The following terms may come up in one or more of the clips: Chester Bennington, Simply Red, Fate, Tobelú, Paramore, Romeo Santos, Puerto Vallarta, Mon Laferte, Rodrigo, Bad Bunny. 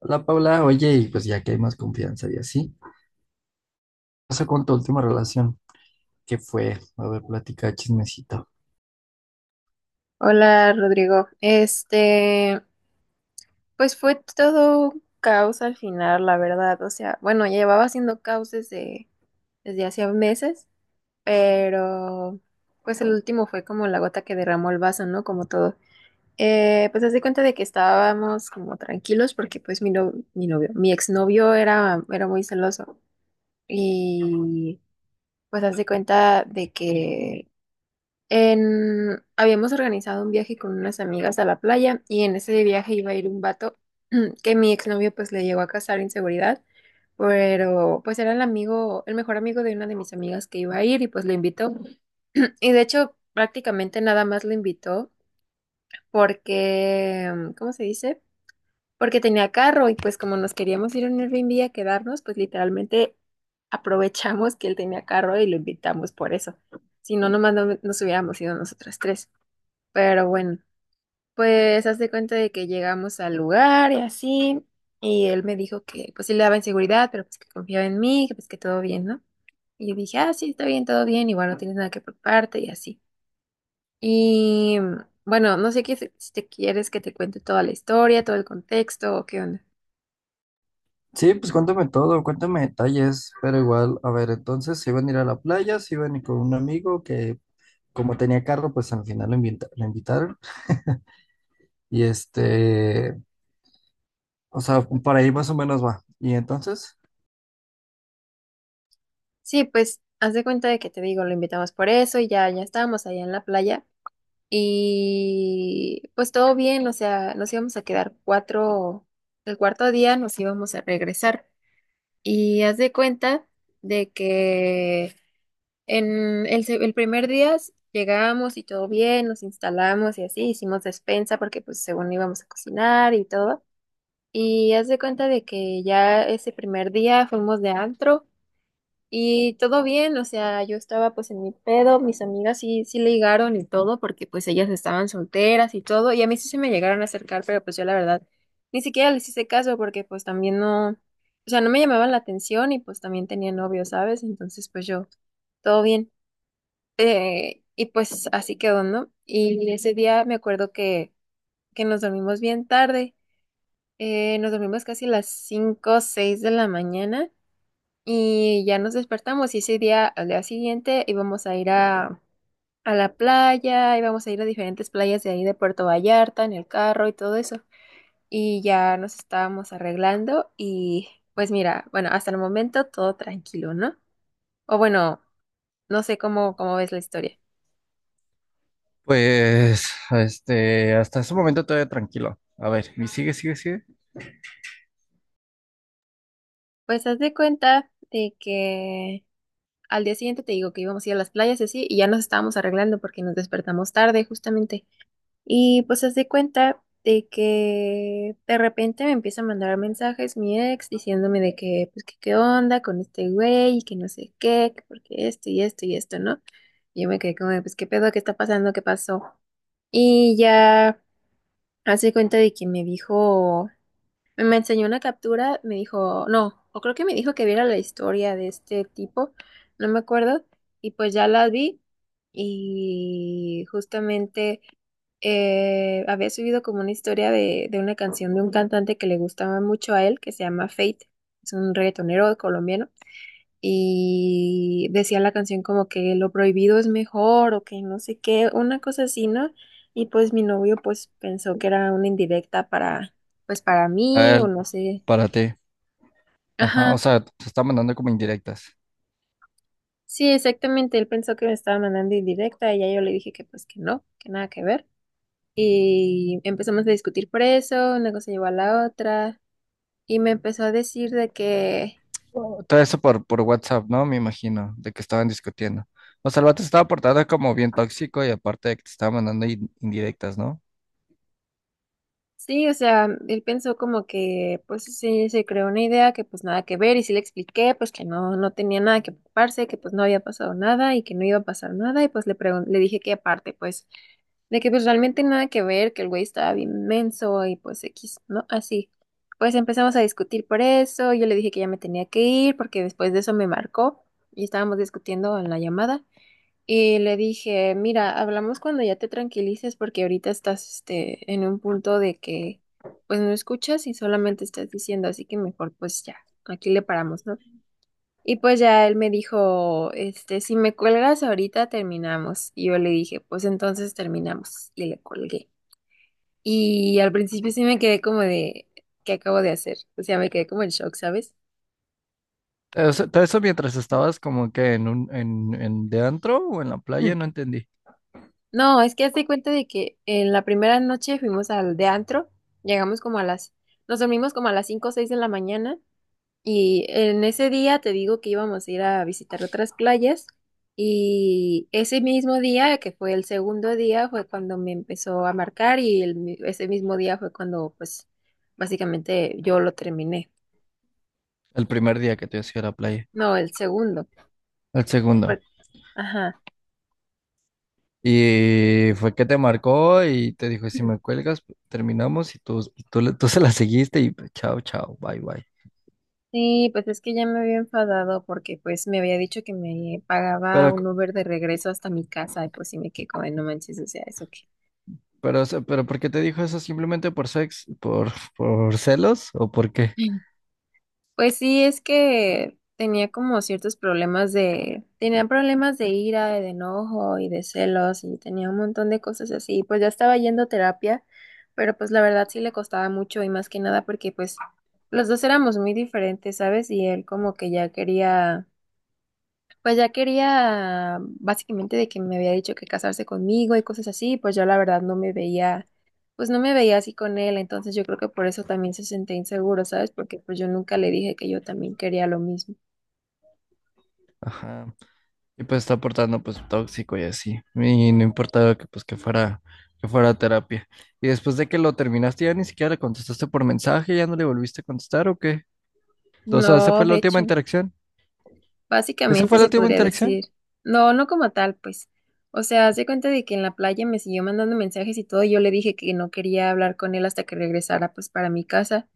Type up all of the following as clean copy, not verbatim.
Hola Paula, oye, y pues ya que hay más confianza y así, ¿qué pasó con tu última relación? ¿Qué fue? A ver, platica chismecito. Hola Rodrigo, pues fue todo un caos al final, la verdad, o sea, bueno, ya llevaba haciendo caos desde hacía meses, pero pues el último fue como la gota que derramó el vaso, ¿no? Como todo. Pues hace cuenta de que estábamos como tranquilos porque pues mi, no, mi novio, mi exnovio era muy celoso y pues hace cuenta de que habíamos organizado un viaje con unas amigas a la playa y en ese viaje iba a ir un vato que mi exnovio pues le llegó a casar inseguridad, pero pues era el amigo, el mejor amigo de una de mis amigas que iba a ir y pues lo invitó. Y de hecho prácticamente nada más lo invitó porque, ¿cómo se dice? Porque tenía carro y pues como nos queríamos ir a un Airbnb a quedarnos, pues literalmente aprovechamos que él tenía carro y lo invitamos por eso. Si no, nomás no, nos hubiéramos ido nosotras tres. Pero bueno, pues hace cuenta de que llegamos al lugar y así, y él me dijo que pues sí le daba inseguridad, pero pues que confiaba en mí, que pues que todo bien, ¿no? Y yo dije, ah, sí, está bien, todo bien, igual no tienes nada que preocuparte y así. Y bueno, no sé qué, si te quieres que te cuente toda la historia, todo el contexto o qué onda. Sí, pues cuéntame todo, cuéntame detalles, pero igual, a ver, entonces se iban a ir a la playa, se iban a ir con un amigo que como tenía carro, pues al final lo invitaron y este, o sea, por ahí más o menos va. Y entonces, Sí, pues haz de cuenta de que te digo, lo invitamos por eso y ya, ya estábamos allá en la playa. Y pues todo bien, o sea, nos íbamos a quedar cuatro, el cuarto día nos íbamos a regresar. Y haz de cuenta de que en el primer día llegamos y todo bien, nos instalamos y así, hicimos despensa porque pues según íbamos a cocinar y todo. Y haz de cuenta de que ya ese primer día fuimos de antro y todo bien, o sea, yo estaba pues en mi pedo, mis amigas sí, sí ligaron y todo, porque pues ellas estaban solteras y todo, y a mí sí se me llegaron a acercar, pero pues yo la verdad ni siquiera les hice caso porque pues también no, o sea, no me llamaban la atención y pues también tenía novio, ¿sabes? Entonces pues yo, todo bien. Y pues así quedó, ¿no? Y ese día me acuerdo que nos dormimos bien tarde, nos dormimos casi las 5 o 6 de la mañana. Y ya nos despertamos y ese día, al día siguiente, íbamos a ir a la playa, íbamos a ir a diferentes playas de ahí de Puerto Vallarta en el carro y todo eso. Y ya nos estábamos arreglando y pues mira, bueno, hasta el momento todo tranquilo, ¿no? O bueno, no sé cómo ves la historia. pues, este, hasta ese momento todavía tranquilo. A ver, y sigue, sigue, sigue. Pues haz de cuenta de que al día siguiente te digo que íbamos a ir a las playas y así, y ya nos estábamos arreglando porque nos despertamos tarde justamente. Y pues haz de cuenta de que de repente me empieza a mandar mensajes mi ex diciéndome de que, pues, que qué onda con este güey y que no sé qué, que porque esto y esto y esto, ¿no? Y yo me quedé como, de, pues, ¿qué pedo? ¿Qué está pasando? ¿Qué pasó? Y ya hace cuenta de que me dijo, me enseñó una captura, me dijo, no, o creo que me dijo que viera la historia de este tipo, no me acuerdo, y pues ya la vi y justamente había subido como una historia de una canción de un cantante que le gustaba mucho a él, que se llama Fate, es un reggaetonero colombiano, y decía la canción como que lo prohibido es mejor o que no sé qué, una cosa así, ¿no? Y pues mi novio pues pensó que era una indirecta pues para A mí o él, no sé. para ti. Ajá, o Ajá, sea, te está mandando como indirectas. sí, exactamente, él pensó que me estaba mandando indirecta y ya yo le dije que pues que no, que nada que ver. Y empezamos a discutir por eso, una cosa llevó a la otra. Y me empezó a decir de que Todo eso por WhatsApp, ¿no? Me imagino, de que estaban discutiendo. O sea, el vato se estaba portando como bien tóxico y aparte de que te estaba mandando indirectas, ¿no? Sí, o sea, él pensó como que, pues sí, se creó una idea que pues nada que ver y sí le expliqué, pues que no, no tenía nada que preocuparse, que pues no había pasado nada y que no iba a pasar nada y pues le le dije que aparte, pues, de que pues realmente nada que ver, que el güey estaba bien menso y pues X, ¿no? Así. Pues empezamos a discutir por eso, yo le dije que ya me tenía que ir porque después de eso me marcó y estábamos discutiendo en la llamada. Y le dije, mira, hablamos cuando ya te tranquilices porque ahorita estás en un punto de que pues no escuchas y solamente estás diciendo, así que mejor pues ya, aquí le paramos, ¿no? Y pues ya él me dijo, si me cuelgas ahorita terminamos. Y yo le dije, pues entonces terminamos. Y le colgué. Y al principio sí me quedé como de, ¿qué acabo de hacer? O sea, me quedé como en shock, ¿sabes? O sea, todo eso mientras estabas como que en de antro o en la playa, no entendí. No, es que hazte cuenta de que en la primera noche fuimos al de antro, llegamos como a nos dormimos como a las 5 o 6 de la mañana y en ese día te digo que íbamos a ir a visitar otras playas y ese mismo día, que fue el segundo día, fue cuando me empezó a marcar y ese mismo día fue cuando pues básicamente yo lo terminé. El primer día que te ibas a ir a la playa, No, el segundo. el segundo. por- ajá. Y fue que te marcó y te dijo, si me cuelgas, terminamos y tú se la seguiste y chao, chao, bye, bye. Sí, pues es que ya me había enfadado porque pues me había dicho que me pagaba Pero, un Uber de regreso hasta mi casa y pues sí me quedé como, "Ay, no manches, o sea, eso que... pero, o sea, pero ¿por qué te dijo eso? ¿Simplemente por por celos o por qué? Pues sí, es que tenía como ciertos problemas tenía problemas de ira, de enojo y de celos y tenía un montón de cosas así. Pues ya estaba yendo a terapia, pero pues la verdad sí le costaba mucho y más que nada porque pues los dos éramos muy diferentes, ¿sabes? Y él como que ya quería Pues ya quería, básicamente, de que me había dicho que casarse conmigo y cosas así, pues yo la verdad no me veía, pues no me veía así con él, entonces yo creo que por eso también se sentía inseguro, ¿sabes? Porque pues yo nunca le dije que yo también quería lo mismo. Ajá. Y pues está portando pues tóxico y así. Y no importaba que fuera a terapia. Y después de que lo terminaste, ya ni siquiera le contestaste por mensaje, ya no le volviste a contestar o qué. O sea, esa No, fue la de última hecho, interacción. ¿Esa fue básicamente la se última podría interacción? decir, no, no como tal, pues. O sea, se cuenta de que en la playa me siguió mandando mensajes y todo, y yo le dije que no quería hablar con él hasta que regresara pues para mi casa.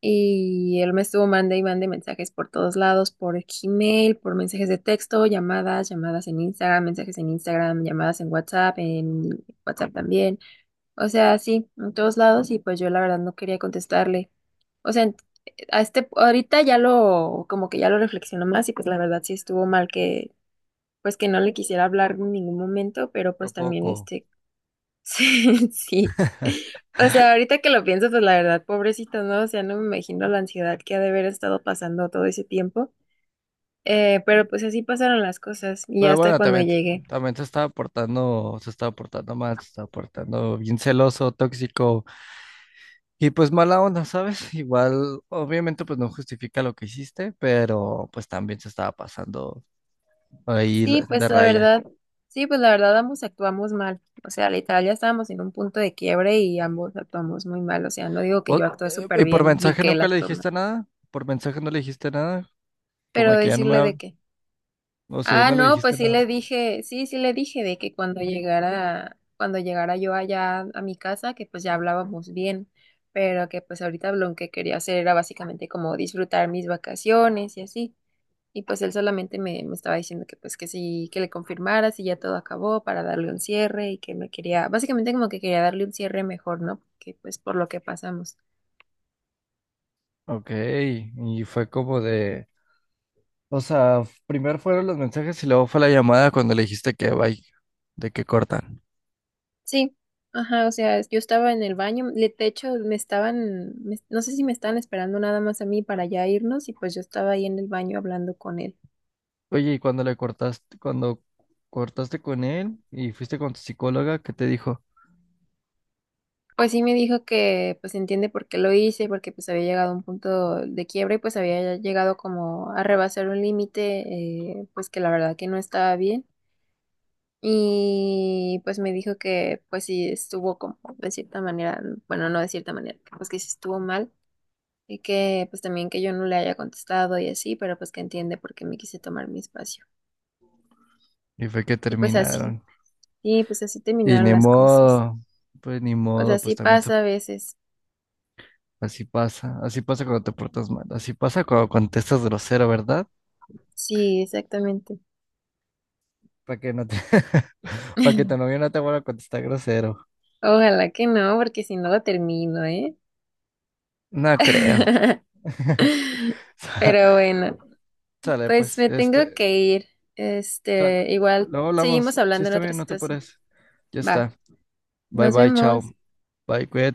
Y él me estuvo mande y mande mensajes por todos lados, por Gmail, por mensajes de texto, llamadas, llamadas en Instagram, mensajes en Instagram, llamadas en WhatsApp también. O sea, sí, en todos lados y pues yo la verdad no quería contestarle. O sea, a este ahorita ya lo como que ya lo reflexiono más y pues la verdad sí estuvo mal que pues que no le quisiera hablar en ningún momento, pero ¿A pues también poco? Sí, sí. O sea, ahorita que lo pienso, pues la verdad, pobrecito, ¿no? O sea, no me imagino la ansiedad que ha de haber estado pasando todo ese tiempo. Pero pues así pasaron las cosas y Pero hasta bueno, cuando también, llegué. también se estaba portando mal, se estaba portando bien celoso, tóxico y pues mala onda, ¿sabes? Igual, obviamente, pues no justifica lo que hiciste, pero pues también se estaba pasando ahí Sí, pues de la raya. verdad, sí, pues la verdad ambos actuamos mal. O sea, literal ya estábamos en un punto de quiebre y ambos actuamos muy mal. O sea, no digo que yo actúe súper ¿Y por bien ni mensaje que él nunca le actúe mal. dijiste nada? ¿Por mensaje no le dijiste nada? Como Pero que ya no me decirle de habla, qué. o sea, ya Ah, no le no, dijiste pues sí nada. le dije, sí le dije de que cuando llegara yo allá a mi casa, que pues ya hablábamos bien, pero que pues ahorita lo que quería hacer era básicamente como disfrutar mis vacaciones y así. Y pues él solamente me estaba diciendo que pues que sí, que le confirmara si ya todo acabó para darle un cierre y que me quería, básicamente como que quería darle un cierre mejor, ¿no? Que pues por lo que pasamos. Ok, y fue como de, o sea, primero fueron los mensajes y luego fue la llamada cuando le dijiste que bye, de que cortan. Sí, ajá, o sea, yo estaba en el baño, de hecho me estaban, no sé si me estaban esperando nada más a mí para ya irnos y pues yo estaba ahí en el baño hablando con él. Oye, y cuando le cortaste, cuando cortaste con él y fuiste con tu psicóloga, ¿qué te dijo? Pues sí me dijo que pues entiende por qué lo hice, porque pues había llegado a un punto de quiebra y pues había llegado como a rebasar un límite, pues que la verdad que no estaba bien. Y pues me dijo que pues sí estuvo como de cierta manera, bueno, no de cierta manera, pues que sí estuvo mal. Y que pues también que yo no le haya contestado y así, pero pues que entiende por qué me quise tomar mi espacio. Y fue que Y pues así, terminaron. sí, pues así Y terminaron ni las cosas. modo, pues ni Pues modo, así pasa a veces. Así pasa cuando te portas mal, así pasa cuando contestas grosero, ¿verdad? Sí, exactamente. Para que no te, para que tu novio no te vuelva a contestar grosero. Ojalá que no, porque si no lo termino, ¿eh? No creo. Sa- Pero bueno, Sale, pues pues, me tengo este, que ir. sal- Igual luego seguimos hablamos. Sí, hablando en está otra bien, no te situación. apures. Ya Va, está. Bye, nos bye, chao. vemos. Bye, cuídate.